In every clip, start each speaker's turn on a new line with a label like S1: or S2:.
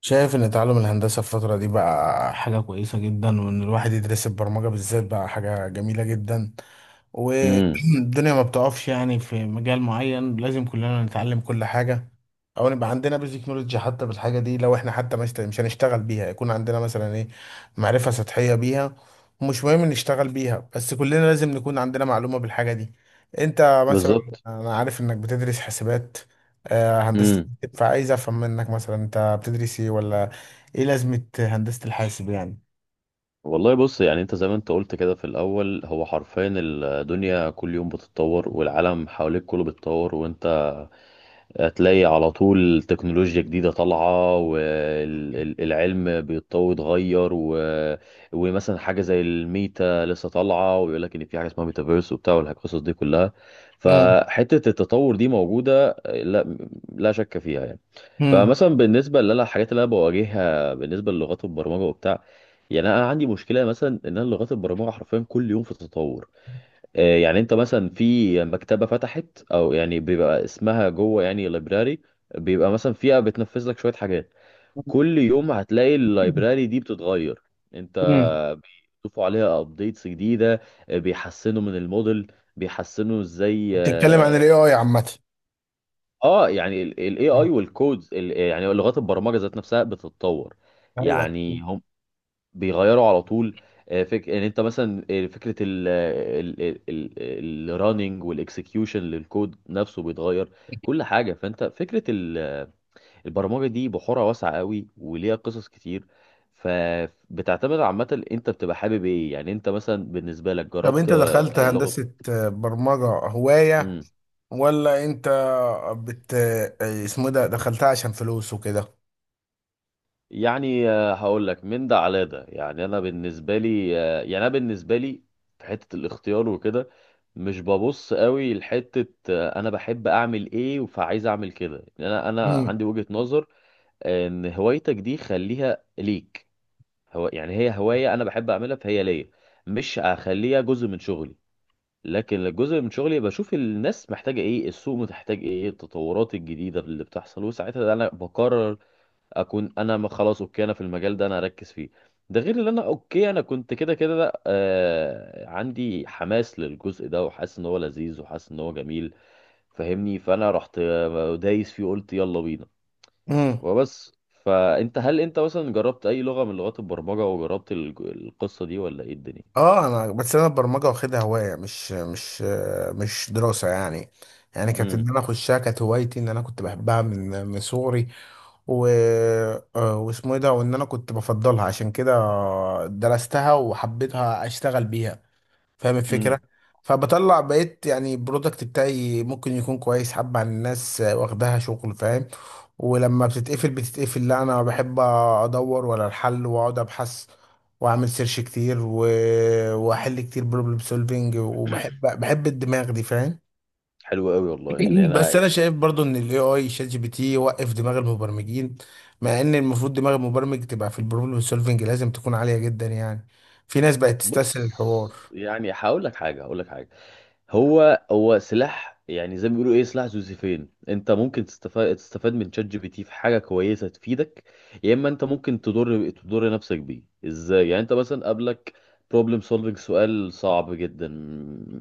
S1: شايف ان تعلم الهندسة الفترة دي بقى حاجة كويسة جدا، وان الواحد يدرس البرمجة بالذات بقى حاجة جميلة جدا.
S2: امم.
S1: والدنيا ما بتقفش، يعني في مجال معين لازم كلنا نتعلم كل حاجة، او نبقى عندنا بيزك نولج حتى بالحاجة دي. لو احنا حتى مش هنشتغل بيها يكون عندنا مثلا ايه، معرفة سطحية بيها. ومش مهم نشتغل بيها، بس كلنا لازم نكون عندنا معلومة بالحاجة دي. انت مثلا،
S2: بالظبط.
S1: انا عارف انك بتدرس حاسبات، هندسة.
S2: امم.
S1: فعايز افهم منك مثلا انت بتدرس ايه، ولا ايه لازمة هندسة الحاسب يعني؟
S2: والله، بص. يعني انت زي ما انت قلت كده في الاول، هو حرفيا الدنيا كل يوم بتتطور، والعالم حواليك كله بيتطور، وانت هتلاقي على طول تكنولوجيا جديدة طالعة، والعلم بيتطور اتغير ومثلا حاجة زي الميتا لسه طالعة، ويقول لك إن في حاجة اسمها ميتافيرس وبتاع والقصص دي كلها.
S1: امم.
S2: فحتة التطور دي موجودة، لا لا شك فيها يعني.
S1: امم.
S2: فمثلا بالنسبة اللي أنا، الحاجات اللي أنا بواجهها بالنسبة للغات البرمجة وبتاع، يعني أنا عندي مشكلة مثلا إن أنا لغات البرمجة حرفيا كل يوم في تطور. يعني انت مثلا في مكتبة فتحت، او يعني بيبقى اسمها جوه يعني لايبراري، بيبقى مثلا فيها بتنفذ لك شوية حاجات. كل يوم هتلاقي اللايبراري دي بتتغير. انت
S1: امم.
S2: بيضيفوا عليها ابديتس جديدة. بيحسنوا من الموديل، بيحسنوا ازاي.
S1: بتتكلم عن
S2: اه.
S1: الاي اي عامة؟
S2: يعني الاي
S1: مم.
S2: اي والكودز، يعني لغات البرمجة ذات نفسها بتتطور.
S1: ايوه.
S2: يعني هم بيغيروا على طول. ان انت مثلا، فكره ال الرننج والاكسكيوشن للكود نفسه بيتغير. كل حاجه. فانت فكره البرمجه دي بحورها واسعه قوي وليها قصص كتير. فبتعتمد عامه، انت بتبقى حابب ايه، يعني انت مثلا بالنسبه لك
S1: طب
S2: جربت
S1: انت دخلت
S2: لغه؟
S1: هندسة، برمجة هواية ولا انت بت اسمه إيه ده، دخلتها عشان فلوس وكده؟
S2: يعني هقول لك من ده على ده، يعني انا بالنسبه لي في حته الاختيار وكده. مش ببص قوي لحته انا بحب اعمل ايه، فعايز اعمل كده. يعني انا
S1: امم.
S2: عندي وجهه نظر ان هوايتك دي خليها ليك. هو يعني هي هوايه انا بحب اعملها فهي ليا، مش هخليها جزء من شغلي. لكن الجزء من شغلي بشوف الناس محتاجه ايه، السوق محتاج ايه، التطورات الجديده اللي بتحصل، وساعتها انا بقرر اكون انا خلاص اوكي انا في المجال ده انا اركز فيه. ده غير ان انا اوكي انا كنت كده كده عندي حماس للجزء ده، وحاسس ان هو لذيذ، وحاسس ان هو جميل، فاهمني. فانا رحت دايس فيه قلت يلا بينا
S1: امم.
S2: وبس. فانت، هل انت مثلا جربت اي لغة من لغات البرمجة وجربت القصة دي ولا ايه الدنيا؟
S1: اه انا بس انا البرمجة واخدها هواية، مش دراسة يعني. يعني كانت
S2: امم.
S1: ان انا اخشها كانت هوايتي، ان انا كنت بحبها من صغري. و... آه، واسمه ايه ده، وان انا كنت بفضلها عشان كده درستها وحبيتها اشتغل بيها، فاهم الفكرة؟
S2: امم.
S1: فبطلع بقيت يعني البرودكت بتاعي ممكن يكون كويس حبة عن الناس واخداها شغل، فاهم؟ ولما بتتقفل لا، انا بحب ادور ولا الحل، واقعد ابحث واعمل سيرش كتير واحل كتير بروبلم سولفينج، وبحب بحب الدماغ دي، فاهم؟
S2: حلو قوي والله، يعني انا.
S1: بس انا شايف برضو ان الاي اي شات جي بي تي يوقف دماغ المبرمجين، مع ان المفروض دماغ المبرمج تبقى في البروبلم سولفنج لازم تكون عاليه جدا يعني. في ناس بقت تستسهل الحوار.
S2: بص. يعني هقول لك حاجة، هقول لك حاجة. هو هو سلاح يعني، زي ما بيقولوا ايه، سلاح ذو سيفين. انت ممكن تستفاد من شات جي بي تي في حاجه كويسه تفيدك، يا اما انت ممكن تضر نفسك بيه. ازاي؟ يعني انت مثلا قابلك بروبلم سولفنج، سؤال صعب جدا،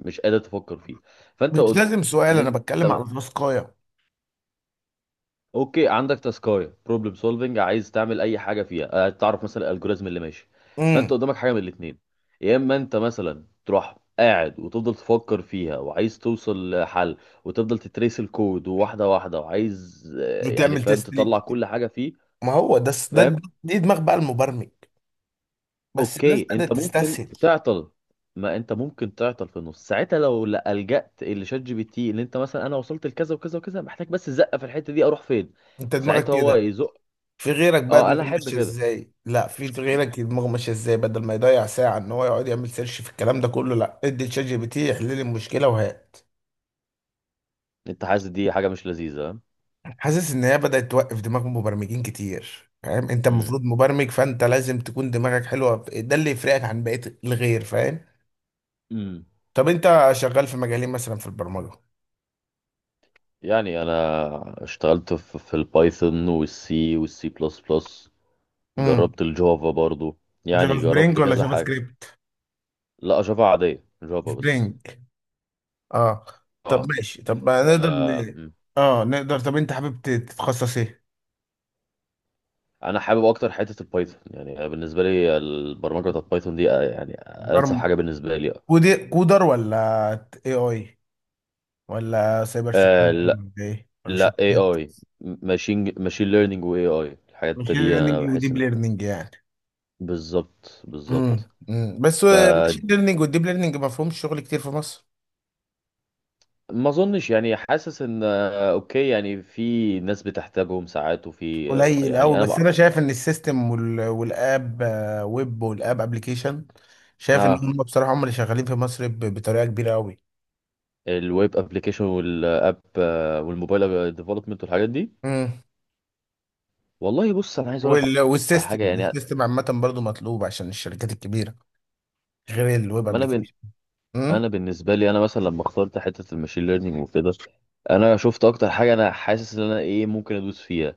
S2: مش قادر تفكر فيه. فانت
S1: مش
S2: قلت
S1: لازم سؤال، انا بتكلم على تاسكايه.
S2: اوكي، عندك تاسكايه بروبلم سولفنج عايز تعمل اي حاجه فيها، تعرف مثلا الالجوريزم اللي ماشي. فانت
S1: امم.
S2: قدامك حاجه من الاثنين، يا اما انت مثلا تروح قاعد وتفضل تفكر فيها وعايز توصل لحل، وتفضل تتريس الكود واحده واحده وعايز يعني
S1: وتعمل
S2: فاهم
S1: تيست ليه؟
S2: تطلع كل حاجه فيه.
S1: ما هو ده ده
S2: فاهم.
S1: دي دماغ بقى المبرمج، بس الناس
S2: اوكي انت
S1: بدأت
S2: ممكن
S1: تستسهل.
S2: تعطل. ما انت ممكن تعطل في النص ساعتها، لو لجأت لشات جي بي تي اللي انت مثلا انا وصلت لكذا وكذا وكذا، محتاج بس زقه في الحته دي، اروح فين؟
S1: انت دماغك
S2: ساعتها هو
S1: كده،
S2: يزق.
S1: في غيرك بقى
S2: اه، انا
S1: دماغه
S2: احب
S1: ماشيه
S2: كده.
S1: ازاي؟ لا في غيرك دماغه ماشيه ازاي، بدل ما يضيع ساعه ان هو يقعد يعمل سيرش في الكلام ده كله، لا ادي لشات جي بي تي يحل لي المشكله وهات.
S2: انت حاسس دي حاجة مش لذيذة؟
S1: حاسس ان هي بدأت توقف دماغ مبرمجين كتير، فاهم؟ انت
S2: امم.
S1: المفروض مبرمج، فانت لازم تكون دماغك حلوة، ده اللي يفرقك عن بقية الغير، فاهم؟
S2: امم.
S1: طب انت شغال في مجالين مثلا في البرمجة؟
S2: يعني انا اشتغلت في البايثون والسي والسي بلس بلس.
S1: امم.
S2: جربت الجافا برضو.
S1: جافا
S2: يعني جربت
S1: سبرينج ولا
S2: كذا
S1: جافا
S2: حاجة.
S1: سكريبت؟
S2: لا، جافا عادية، جافا بس.
S1: سبرينج. اه. طب
S2: اه.
S1: ماشي، طب ما نقدر
S2: آه، مم.
S1: اه نقدر. طب انت حابب تتخصص ايه؟
S2: انا حابب اكتر حتة البايثون، يعني أنا بالنسبة لي البرمجة بتاعت بايثون دي يعني انسب
S1: برم...
S2: حاجة بالنسبة لي.
S1: كودر، ولا اي اي، ولا سايبر
S2: آه
S1: سكيورتي،
S2: لا.
S1: ولا ايه، ولا
S2: لا، اي
S1: شبكات؟
S2: اي. ماشين ليرنينج واي اي، الحاجات
S1: ماشين
S2: دي انا
S1: ليرنينج
S2: بحس
S1: وديب
S2: ان.
S1: ليرنينج يعني؟
S2: بالظبط، بالظبط.
S1: امم. امم. بس ماشين
S2: فدي.
S1: ليرنينج والديب ليرنينج ما فيهمش شغل كتير في مصر،
S2: ما اظنش، يعني حاسس ان اوكي، يعني في ناس بتحتاجهم ساعات، وفي
S1: قليل قوي.
S2: يعني انا
S1: بس
S2: بقى.
S1: انا شايف ان السيستم وال... والاب آه، ويب والاب ابلكيشن، شايف ان هم
S2: اه.
S1: بصراحه هم اللي شغالين في مصر بطريقه كبيره قوي.
S2: الويب ابلكيشن والاب والموبايل ديفلوبمنت والحاجات دي.
S1: امم.
S2: والله بص، انا عايز اقول لك على حاجه.
S1: والسيستم،
S2: يعني
S1: السيستم عامه برضو مطلوب عشان الشركات الكبيره، غير الويب
S2: ما انا
S1: ابلكيشن. امم.
S2: انا بالنسبه لي انا مثلا لما اخترت حته الماشين ليرنينج وكده، انا شفت اكتر حاجه انا حاسس ان انا ايه ممكن ادوس فيها.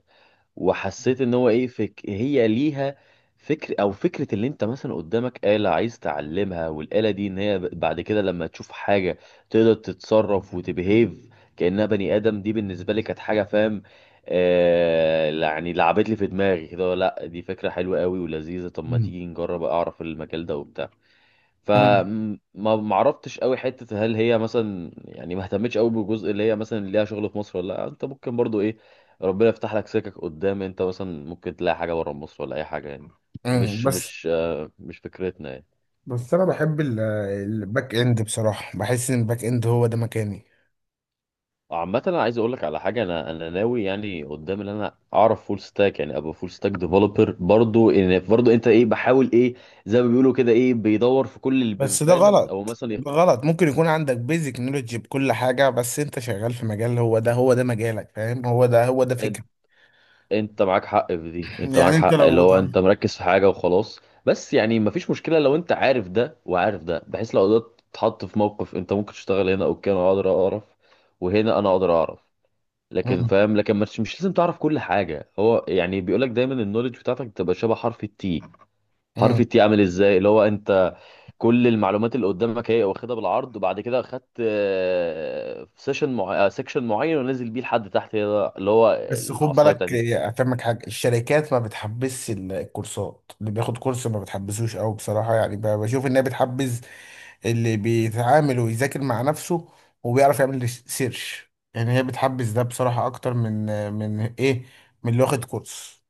S2: وحسيت ان هو ايه، فك هي ليها فكر او فكره، اللي انت مثلا قدامك آلة عايز تعلمها، والاله دي ان هي بعد كده لما تشوف حاجه تقدر تتصرف وتبهيف كانها بني ادم. دي بالنسبه لي كانت حاجه فاهم. يعني لعبت لي في دماغي كده، لا دي فكره حلوه قوي ولذيذه، طب ما
S1: امم.
S2: تيجي نجرب اعرف المجال ده وبتاع.
S1: امم.
S2: فما ما عرفتش قوي حته، هل هي مثلا، يعني ما اهتمتش قوي بالجزء اللي هي مثلا ليها شغل في مصر ولا لا، انت ممكن برضو ايه، ربنا يفتح لك سكك قدام، انت مثلا ممكن تلاقي حاجه بره مصر ولا اي حاجه يعني.
S1: أمم.
S2: مش
S1: بس
S2: مش مش فكرتنا يعني.
S1: بس انا بحب الباك اند بصراحه، بحس ان الباك اند هو ده مكاني.
S2: عامة انا عايز اقول لك على حاجة، انا ناوي يعني قدام ان انا اعرف فول ستاك، يعني ابقى فول ستاك ديفلوبر برضو. ان برضو انت ايه، بحاول ايه زي ما بيقولوا كده، ايه بيدور في كل
S1: بس ده
S2: البيبان او
S1: غلط
S2: مثلا.
S1: ده غلط، ممكن يكون عندك بيزك نولوجي بكل حاجة، بس انت شغال في مجال، هو ده هو ده مجالك، فاهم؟ هو ده هو ده فكرة.
S2: انت معاك حق في دي، انت
S1: يعني
S2: معاك
S1: انت
S2: حق اللي
S1: لو
S2: هو
S1: بتعمل.
S2: انت مركز في حاجه وخلاص. بس يعني مفيش مشكله لو انت عارف ده وعارف ده، بحيث لو قدرت تتحط في موقف انت ممكن تشتغل هنا اوكي انا اقدر اعرف، وهنا انا اقدر اعرف. لكن
S1: مم.
S2: فاهم، لكن مش لازم تعرف كل حاجه. هو يعني بيقول لك دايما النولج بتاعتك تبقى شبه حرف التي. حرف
S1: مم.
S2: التي عامل ازاي، اللي هو انت كل المعلومات اللي قدامك هي واخدها بالعرض، وبعد كده خدت سيكشن معين ونزل بيه لحد تحت. هي ده اللي هو
S1: بس خد
S2: العصايه بتاعت
S1: بالك،
S2: التي.
S1: افهمك حاجة. الشركات ما بتحبس الكورسات، اللي بياخد كورس ما بتحبسوش قوي بصراحة، يعني بشوف انها بتحبس اللي بيتعامل ويذاكر مع نفسه وبيعرف يعمل سيرش، يعني هي بتحبس ده بصراحة اكتر من ايه، من اللي واخد كورس.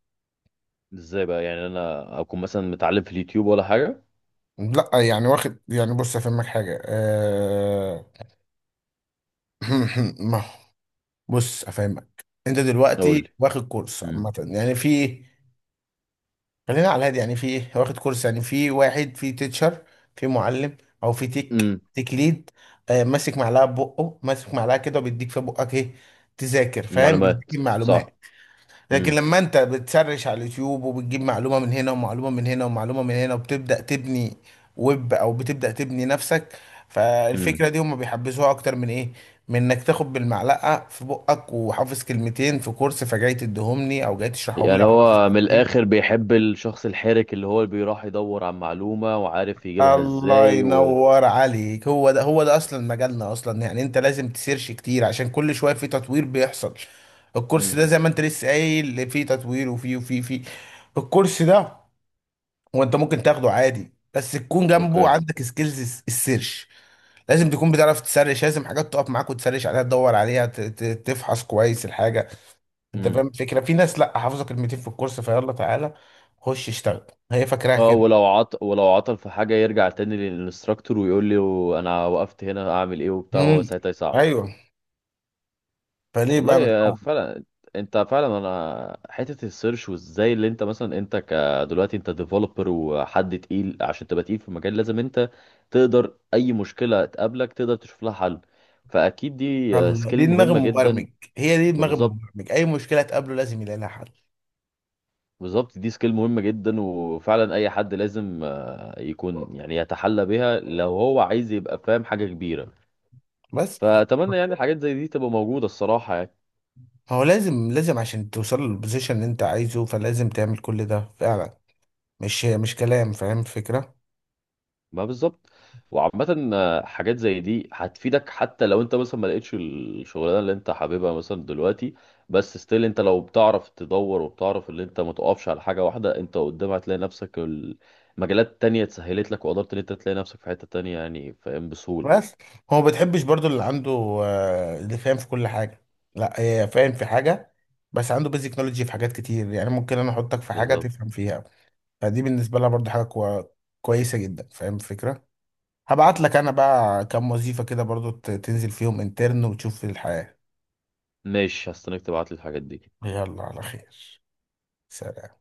S2: ازاي بقى، يعني انا اكون مثلا متعلم في اليوتيوب ولا حاجه؟
S1: لا يعني واخد، يعني بص افهمك حاجه ما بص افهمك، انت
S2: اقول لي.
S1: دلوقتي واخد كورس
S2: امم.
S1: عامه، يعني في، خلينا على الهادي يعني في إيه؟ واخد كورس، يعني في واحد في تيتشر، في معلم، او في تيك
S2: امم.
S1: تيك ليد، ماسك معلقه ببقه، ماسك معلقه كده، وبيديك في بقك ايه، تذاكر، فاهم؟ بيديك
S2: معلومات.
S1: المعلومات.
S2: صح.
S1: لكن
S2: امم.
S1: لما انت بتسرش على اليوتيوب وبتجيب معلومة من هنا، ومعلومة من هنا، ومعلومة من هنا، وبتبدأ تبني ويب، او بتبدأ تبني نفسك،
S2: امم.
S1: فالفكرة دي هم بيحبسوها اكتر من ايه، من انك تاخد بالمعلقة في بقك، وحافظ كلمتين في كورس فجاي تديهمني، او جاي تشرحهم لي،
S2: يعني
S1: او حافظ
S2: هو من
S1: كلمتين.
S2: الاخر بيحب الشخص الحرك، اللي هو اللي بيروح يدور عن معلومه وعارف يجيبها
S1: الله
S2: ازاي
S1: ينور عليك، هو ده هو ده اصلا مجالنا اصلا، يعني انت لازم تسيرش كتير عشان كل شوية في تطوير بيحصل. الكورس ده
S2: امم.
S1: زي ما انت لسه قايل فيه تطوير، وفيه الكورس ده، هو انت ممكن تاخده عادي، بس تكون جنبه
S2: اوكي.
S1: عندك سكيلز السيرش. لازم تكون بتعرف تسرش، لازم حاجات تقف معاك وتسرش عليها، تدور عليها، تفحص كويس الحاجه. انت فاهم
S2: امم.
S1: الفكره؟ في ناس لا حافظه كلمتين في الكورس، فيلا تعالى خش اشتغل، هي فاكراها
S2: اه،
S1: كده.
S2: ولو عط ولو عطل في حاجه يرجع تاني للانستراكتور ويقول لي انا وقفت هنا اعمل ايه وبتاع، هو
S1: امم.
S2: ساعتها يساعده.
S1: ايوه. فليه بقى من
S2: والله
S1: الاول؟
S2: فعلا. انت فعلا، انا حته السيرش وازاي، اللي انت مثلا انت دلوقتي انت ديفلوبر وحد تقيل. عشان تبقى تقيل في المجال لازم انت تقدر اي مشكله تقابلك تقدر تشوف لها حل. فاكيد دي
S1: يلا،
S2: سكيل
S1: دي دماغ
S2: مهمه جدا.
S1: المبرمج، هي دي دماغ
S2: وبالظبط،
S1: المبرمج، اي مشكله تقابله لازم يلاقي لها حل.
S2: بالظبط دي سكيل مهمه جدا، وفعلا اي حد لازم يكون يعني يتحلى بها لو هو عايز يبقى فاهم حاجه كبيره.
S1: بس
S2: فاتمنى يعني الحاجات زي دي تبقى موجوده الصراحه يعني.
S1: هو لازم لازم عشان توصل للبوزيشن اللي انت عايزه، فلازم تعمل كل ده فعلا، مش كلام، فاهم الفكره؟
S2: ما بالظبط. وعامة حاجات زي دي هتفيدك، حتى لو انت مثلا ما لقيتش الشغلانة اللي انت حاببها مثلا دلوقتي. بس ستيل انت لو بتعرف تدور وبتعرف ان انت ما تقفش على حاجة واحدة، انت قدام هتلاقي نفسك المجالات تانية اتسهلت لك، وقدرت ان انت تلاقي نفسك في حتة تانية يعني فاهم بسهولة.
S1: بس هو ما بتحبش برضو اللي عنده اللي فاهم في كل حاجة. لا، هي فاهم في حاجة، بس عنده بيزك نولوجي في حاجات كتير، يعني ممكن انا احطك في حاجة
S2: بالظبط.
S1: تفهم فيها، فدي بالنسبة لها برضو حاجة كويسة جدا، فاهم الفكرة؟ هبعت لك انا بقى كام وظيفة كده برضو تنزل فيهم انترن وتشوف الحياة.
S2: ماشي، هستناك تبعت لي الحاجات دي.
S1: يلا على خير. سلام.